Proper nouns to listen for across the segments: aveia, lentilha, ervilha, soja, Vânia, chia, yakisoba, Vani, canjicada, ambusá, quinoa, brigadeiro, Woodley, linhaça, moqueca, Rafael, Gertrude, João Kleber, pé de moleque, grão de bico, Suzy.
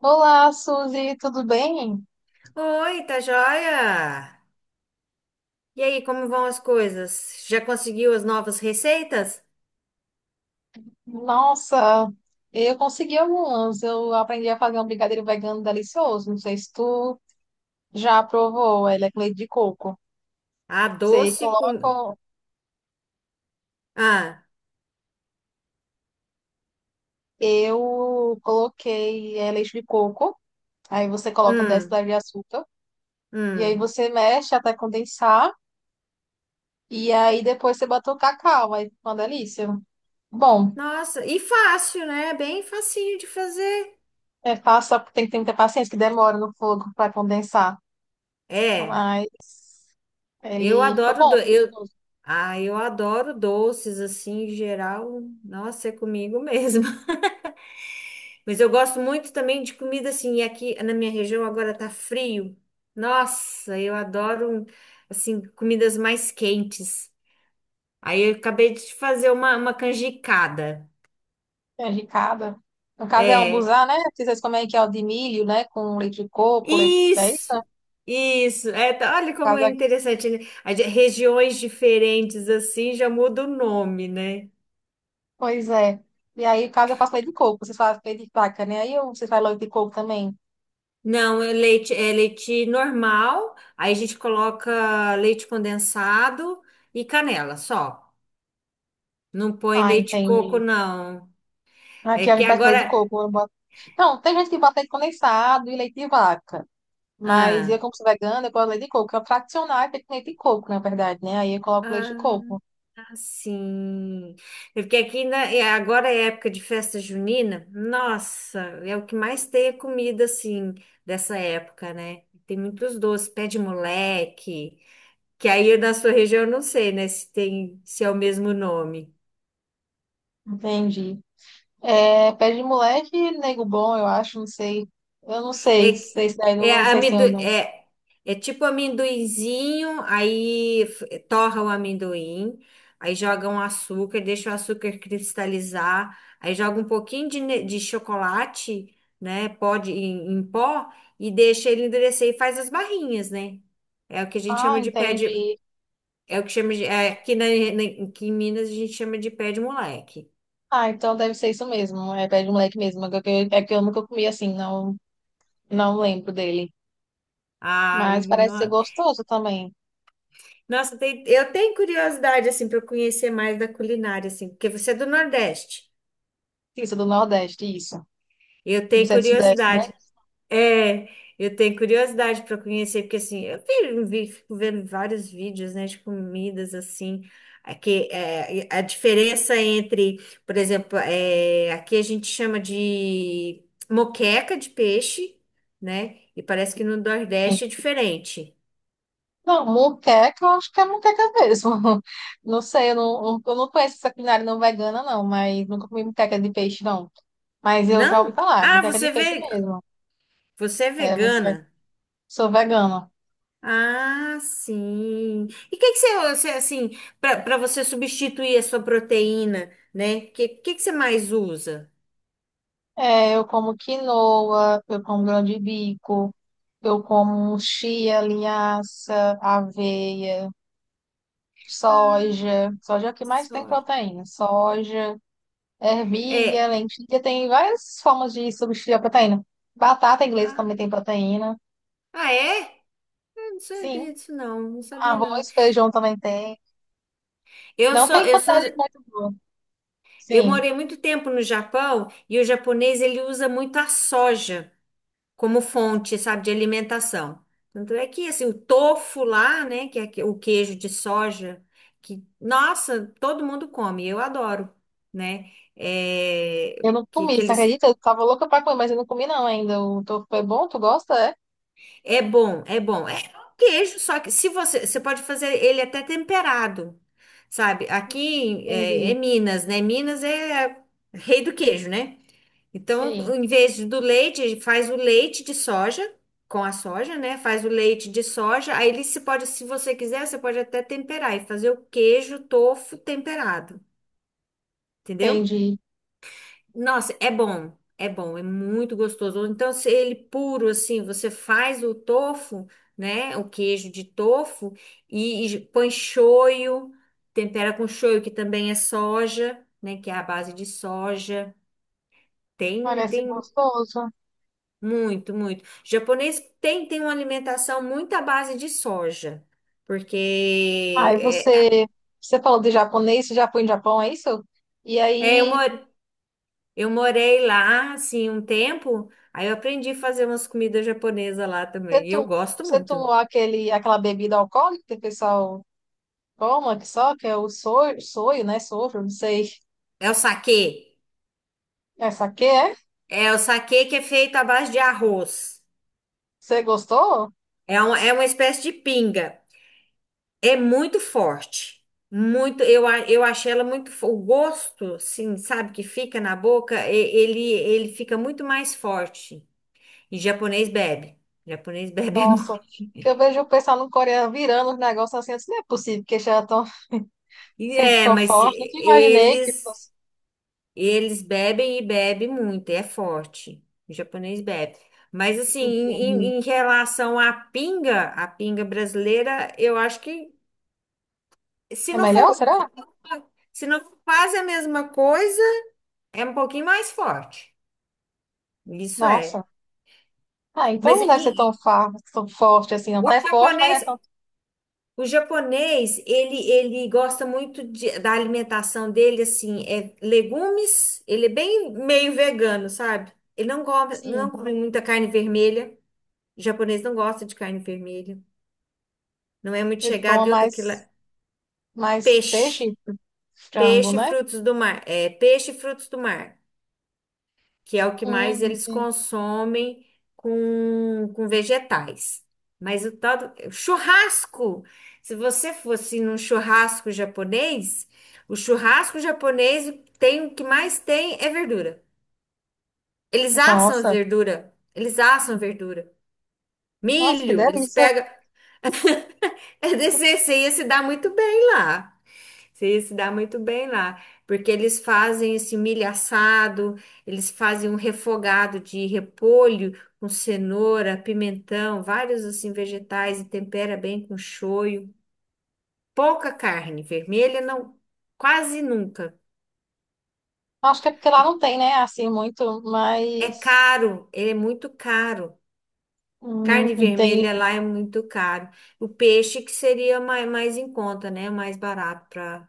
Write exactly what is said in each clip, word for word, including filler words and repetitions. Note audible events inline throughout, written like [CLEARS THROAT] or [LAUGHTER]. Olá, Suzy, tudo bem? Oi, tá joia? E aí, como vão as coisas? Já conseguiu as novas receitas? Nossa, eu consegui algumas. Eu aprendi a fazer um brigadeiro vegano delicioso. Não sei se tu já provou. Ele é com leite de coco. Ah, Você doce com... coloca, Ah, eu coloquei é, leite de coco. Aí você coloca dez hum, colheres de açúcar. E aí hum. você mexe até condensar. E aí depois você bota o cacau. Aí fica uma delícia. Bom, Nossa, e fácil, né? Bem facinho de fazer. é fácil, tem que ter muita paciência, que demora no fogo para condensar. É, Mas eu ele fica adoro... bom. Do... Eu... Ah, eu adoro doces, assim, em geral. Nossa, é comigo [LAUGHS] mesmo. Mas eu gosto muito também de comida, assim, e aqui na minha região agora tá frio. Nossa, eu adoro, assim, comidas mais quentes. Aí eu acabei de fazer uma, uma canjicada. Canjicada. No caso é É, ambusá, né? Vocês comem que é o de milho, né? Com leite de coco, leite... É isso, né? isso, No isso. É, tá- olha como caso é aqui. interessante, né? A de- Regiões diferentes assim já muda o nome, né? Pois é. E aí, no caso, eu faço leite de coco. Vocês fazem leite de vaca, né? Aí eu- vocês fazem leite de coco também. Não, é leite, é leite normal, aí a gente coloca leite condensado e canela só. Não põe Ah, leite de coco, entendi. não. É Aqui a que gente faz leite de agora. coco. Eu boto- Não, tem gente que bota leite condensado e leite de vaca. Mas eu, Ah, como sou vegana, eu gosto leite de coco. É o tradicional é feito com leite de coco, na verdade, né? Aí eu coloco leite de ah. coco. Sim, é porque aqui na- é- agora é época de festa junina, nossa, é o que mais tem é comida assim dessa época, né? Tem muitos doces, pé de moleque, que aí na sua região eu não sei, né, se tem, se é o mesmo nome. Entendi. É, pé de moleque, nego bom, eu acho, não sei. Eu não sei, É, sei se daí, não, é, não sei se amendo, eu não. é, é tipo amendoinzinho, aí f- torra o amendoim, aí joga um açúcar, deixa o açúcar cristalizar, aí joga um pouquinho de, ne- de chocolate, né? Pó de- em, em pó, e deixa ele endurecer e faz as barrinhas, né? É o que a gente Ah, chama de pé de. entendi. É o que chama de. É, aqui, na, na- aqui em Minas a gente chama de pé de moleque. Ah, então deve ser isso mesmo. É pé de moleque mesmo. É que eu, é que eu nunca comi assim, não, não lembro dele. Ai, Mas parece ser não, gostoso também. nossa, tem- eu tenho curiosidade, assim, para conhecer mais da culinária, assim, porque você é do Nordeste. Isso, do Nordeste, isso. Eu E tenho você é do Sudeste, né? curiosidade. É, eu tenho curiosidade para conhecer, porque, assim, eu vi, vi- fico vendo vários vídeos, né, de comidas, assim, é que é, a diferença entre, por exemplo, é, aqui a gente chama de moqueca de peixe, né, e parece que no Nordeste é diferente. Não, moqueca, eu acho que é moqueca mesmo. [LAUGHS] Não sei, eu não, eu não conheço essa culinária não vegana, não, mas nunca comi moqueca de peixe, não. Mas eu já ouvi Não? falar, Ah, moqueca você de é peixe ve- mesmo. você é É, vegana. sou vegana. Ah, sim. E o que que você, você, assim, para você substituir a sua proteína, né? O que, que que você mais usa? É, eu como quinoa, eu como grão de bico, eu como chia, linhaça, aveia, Ah, soja. Soja é o que mais tem soja. proteína. Soja, ervilha, É. lentilha, tem várias formas de substituir a proteína. Batata inglesa Ah, também tem proteína. ah, é? Eu não Sim. sabia disso, não. Não sabia, não. Arroz, feijão também tem. Eu Não sou, tem eu sou, quantidade muito. eu Sim. morei muito tempo no Japão e o japonês, ele usa muito a soja, como fonte, sabe, de alimentação. Tanto é que, assim, o tofu lá, né, que é aque- o queijo de soja, que, nossa, todo mundo come, eu adoro, né? É, Eu não que, comi, que você eles... acredita? Eu tava louca pra comer, mas eu não comi não ainda. O teu foi bom? Tu gosta? É? É bom, é bom. É um queijo, só que se você... Você pode fazer ele até temperado, sabe? Aqui é, Entendi. é Minas, né? Minas é rei do queijo, né? Então, Sim. em vez do leite, faz o leite de soja com a soja, né? Faz o leite de soja. Aí ele se pode, se você quiser, você pode até temperar e fazer o queijo tofu temperado, entendeu? Entendi. Nossa, é bom, é bom, é muito gostoso. Ou então, se ele puro assim, você faz o tofu, né? O queijo de tofu e, e põe shoyu, tempera com shoyu, que também é soja, né? Que é a base de soja. Tem, Parece tem gostoso. Muito, muito. Japonês tem, tem uma alimentação muito à base de soja, porque Aí é, você, você falou de japonês, você já foi no Japão, é isso? E é, eu, mo- aí, eu morei lá, assim, um tempo, aí eu aprendi a fazer umas comidas japonesas lá você, também, e eu tu gosto você muito. tomou aquele, aquela bebida alcoólica que o pessoal toma, que só, que é o soio, soio, né? Sojo, não sei. É o saquê, Essa aqui é? é o saquê que é feito à base de arroz, Você gostou? é, um, é uma espécie de pinga, é muito forte, muito, eu, a- eu achei ela muito, fo- o gosto, assim, sabe, que fica na boca, e- ele, ele fica muito mais forte. E japonês bebe. Japonês bebe [LAUGHS] Nossa, muito. que eu vejo o pessoal no Coreia virando os negócios assim, assim, não é possível que já estão [LAUGHS] E sem é, mas fofoca. Nunca imaginei eles que fosse. eles bebem e bebem muito, é forte. O japonês bebe. Mas assim, em, Entendi. em- em relação à pinga, a pinga brasileira, eu acho que se É não for, melhor, será? se não for quase a mesma coisa, é um pouquinho mais forte. Isso é. Nossa. Ah, então Mas não deve ser tão, e, fa- tão forte assim, não. o Até forte, mas não é japonês, tão. o japonês, ele, ele gosta muito de- da alimentação dele, assim, é legumes, ele é bem meio vegano, sabe? Ele não come, Sim. não come muita carne vermelha. O japonês não gosta de carne vermelha. Não é muito Ele coma chegado e outra que mais, lá. mais peixe Peixe. frango, Peixe e né? frutos do mar. É, peixe e frutos do mar, que é o que mais Hum, eles sim. consomem com, com vegetais. Mas o tal do churrasco, se você fosse num churrasco japonês, o churrasco japonês tem o que mais tem é verdura. Eles assam a Nossa, verdura, eles assam a verdura. nossa, que Milho, eles delícia. pegam. [LAUGHS] É desse, você ia se dar muito bem lá. Você ia se dar muito bem lá, porque eles fazem esse milho assado, eles fazem um refogado de repolho com cenoura, pimentão, vários assim vegetais e tempera bem com shoyu. Pouca carne vermelha, não, quase nunca. Acho que é porque lá não tem, né? Assim, muito, É mas caro, ele é muito caro. hum, Carne vermelha lá entendi, é muito caro. O peixe que seria mais, mais em conta, né? Mais barato para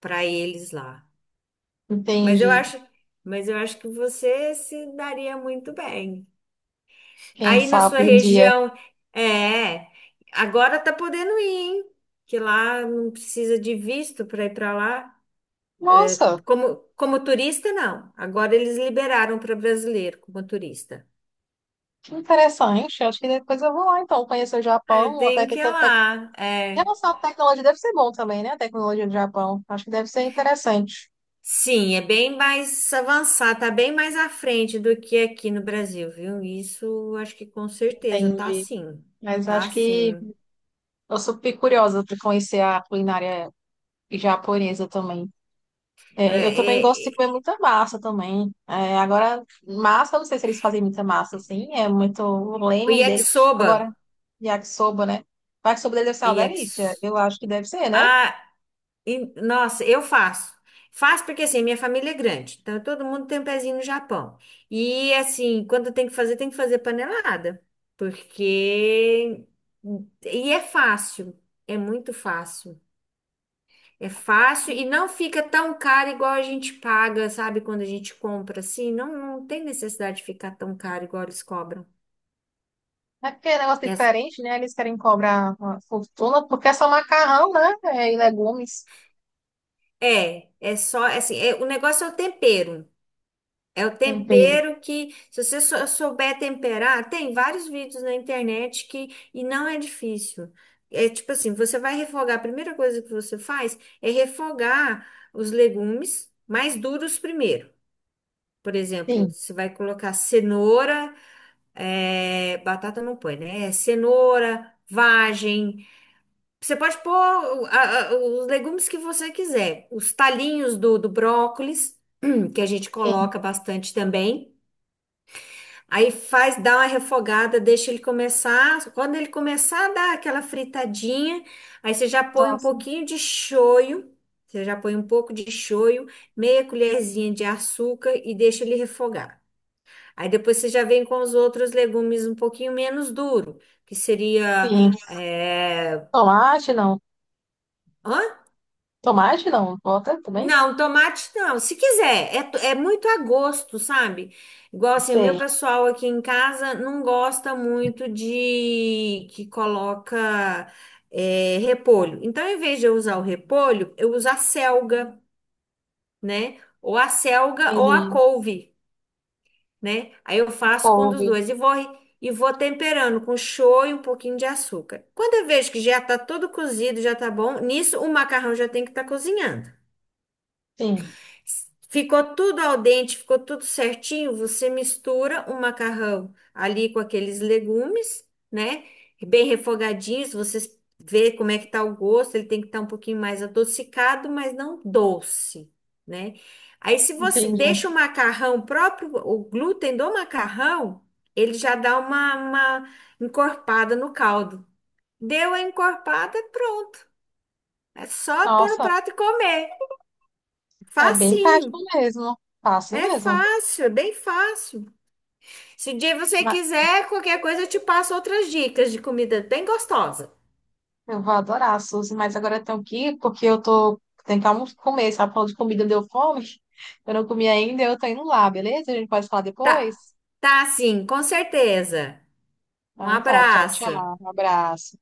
para eles lá. Mas eu entendi. acho, mas eu acho que você se daria muito bem. Quem Aí na sua sabe um dia. região, é, agora tá podendo ir, hein? Que lá não precisa de visto para ir para lá. Nossa, Como, como turista, não. Agora eles liberaram para brasileiro como turista. que interessante. Acho que depois eu vou lá, então, conhecer o Ah, Japão. tem Até que que ir tanto tec- lá. Em É. relação à tecnologia, deve ser bom também, né? A tecnologia do Japão. Acho que deve ser interessante. Sim, é bem mais avançado, tá bem mais à frente do que aqui no Brasil, viu? Isso acho que com certeza tá Entendi. sim. Mas Tá acho que sim. eu sou bem curiosa para conhecer a culinária japonesa também. É, É, eu também gosto de comer é, muita massa também. É, agora, massa, eu não sei se eles fazem muita massa, assim, é muito o o leme deles. Agora, yakisoba. yakisoba, né? O yakisoba deles deve ser O uma delícia. yakis, Eu acho que deve ser, né? Ah, e- nossa, eu faço. Faço porque assim, minha família é grande, então todo mundo tem um pezinho no Japão. E assim, quando tem que fazer, tem que fazer panelada. Porque. E é fácil. É muito fácil. É fácil e não fica tão caro igual a gente paga, sabe? Quando a gente compra assim, não, não tem necessidade de ficar tão caro igual eles cobram. É porque é um negócio É, diferente, né? Eles querem cobrar uma fortuna, porque é só macarrão, né? É, e legumes, é é só assim, é, o negócio é o tempero. É o tempero. tempero que, se você sou- souber temperar, tem vários vídeos na internet que, e não é difícil. É tipo assim, você vai refogar, a primeira coisa que você faz é refogar os legumes mais duros primeiro. Por exemplo, Sim, você vai colocar cenoura, é, batata não põe, né? É cenoura, vagem. Você pode pôr o- a- a- os legumes que você quiser. Os talinhos do, do brócolis, [CLEARS THROAT] que a gente sim. coloca bastante também. Aí faz, dá uma refogada, deixa ele começar. Quando ele começar a dar aquela fritadinha, aí você já põe um Nossa, pouquinho de shoyu, você já põe um pouco de shoyu, meia colherzinha de açúcar e deixa ele refogar. Aí depois você já vem com os outros legumes um pouquinho menos duro, que seria, sim. é, Tomate, não. Tomate, não. Bota também? não, tomate não. Se quiser, é, to- é muito a gosto, sabe? Igual assim, o meu Sei. pessoal aqui em casa não gosta muito de que coloca é, repolho. Então, em vez de eu usar o repolho, eu uso a selga, né? Ou a selga ou a Entendi. couve, né? Aí eu faço com um dos Couve. dois e vou e vou temperando com show e um pouquinho de açúcar. Quando eu vejo que já tá todo cozido, já tá bom, nisso o macarrão já tem que estar cozinhando. Sim, Ficou tudo al dente, ficou tudo certinho. Você mistura o macarrão ali com aqueles legumes, né? Bem refogadinhos. Você vê como é que tá o gosto. Ele tem que estar um pouquinho mais adocicado, mas não doce, né? Aí, se você entendi. deixa o macarrão próprio, o glúten do macarrão, ele já dá uma, uma encorpada no caldo. Deu a encorpada, pronto. É só pôr no Nossa. prato e comer. É bem Facinho. prático mesmo. Fácil É mesmo. fácil, é bem fácil. Se um dia você Mas quiser, qualquer coisa eu te passo outras dicas de comida bem gostosa. eu vou adorar, Suzy. Mas agora eu tenho que ir, porque eu tô tentando almo- comer. Sabe, falando de comida deu fome. [LAUGHS] Eu não comi ainda, eu tô indo lá, beleza? A gente pode falar Tá, depois? tá sim, com certeza. Um Então tá, tchau, abraço. tchau. Um abraço.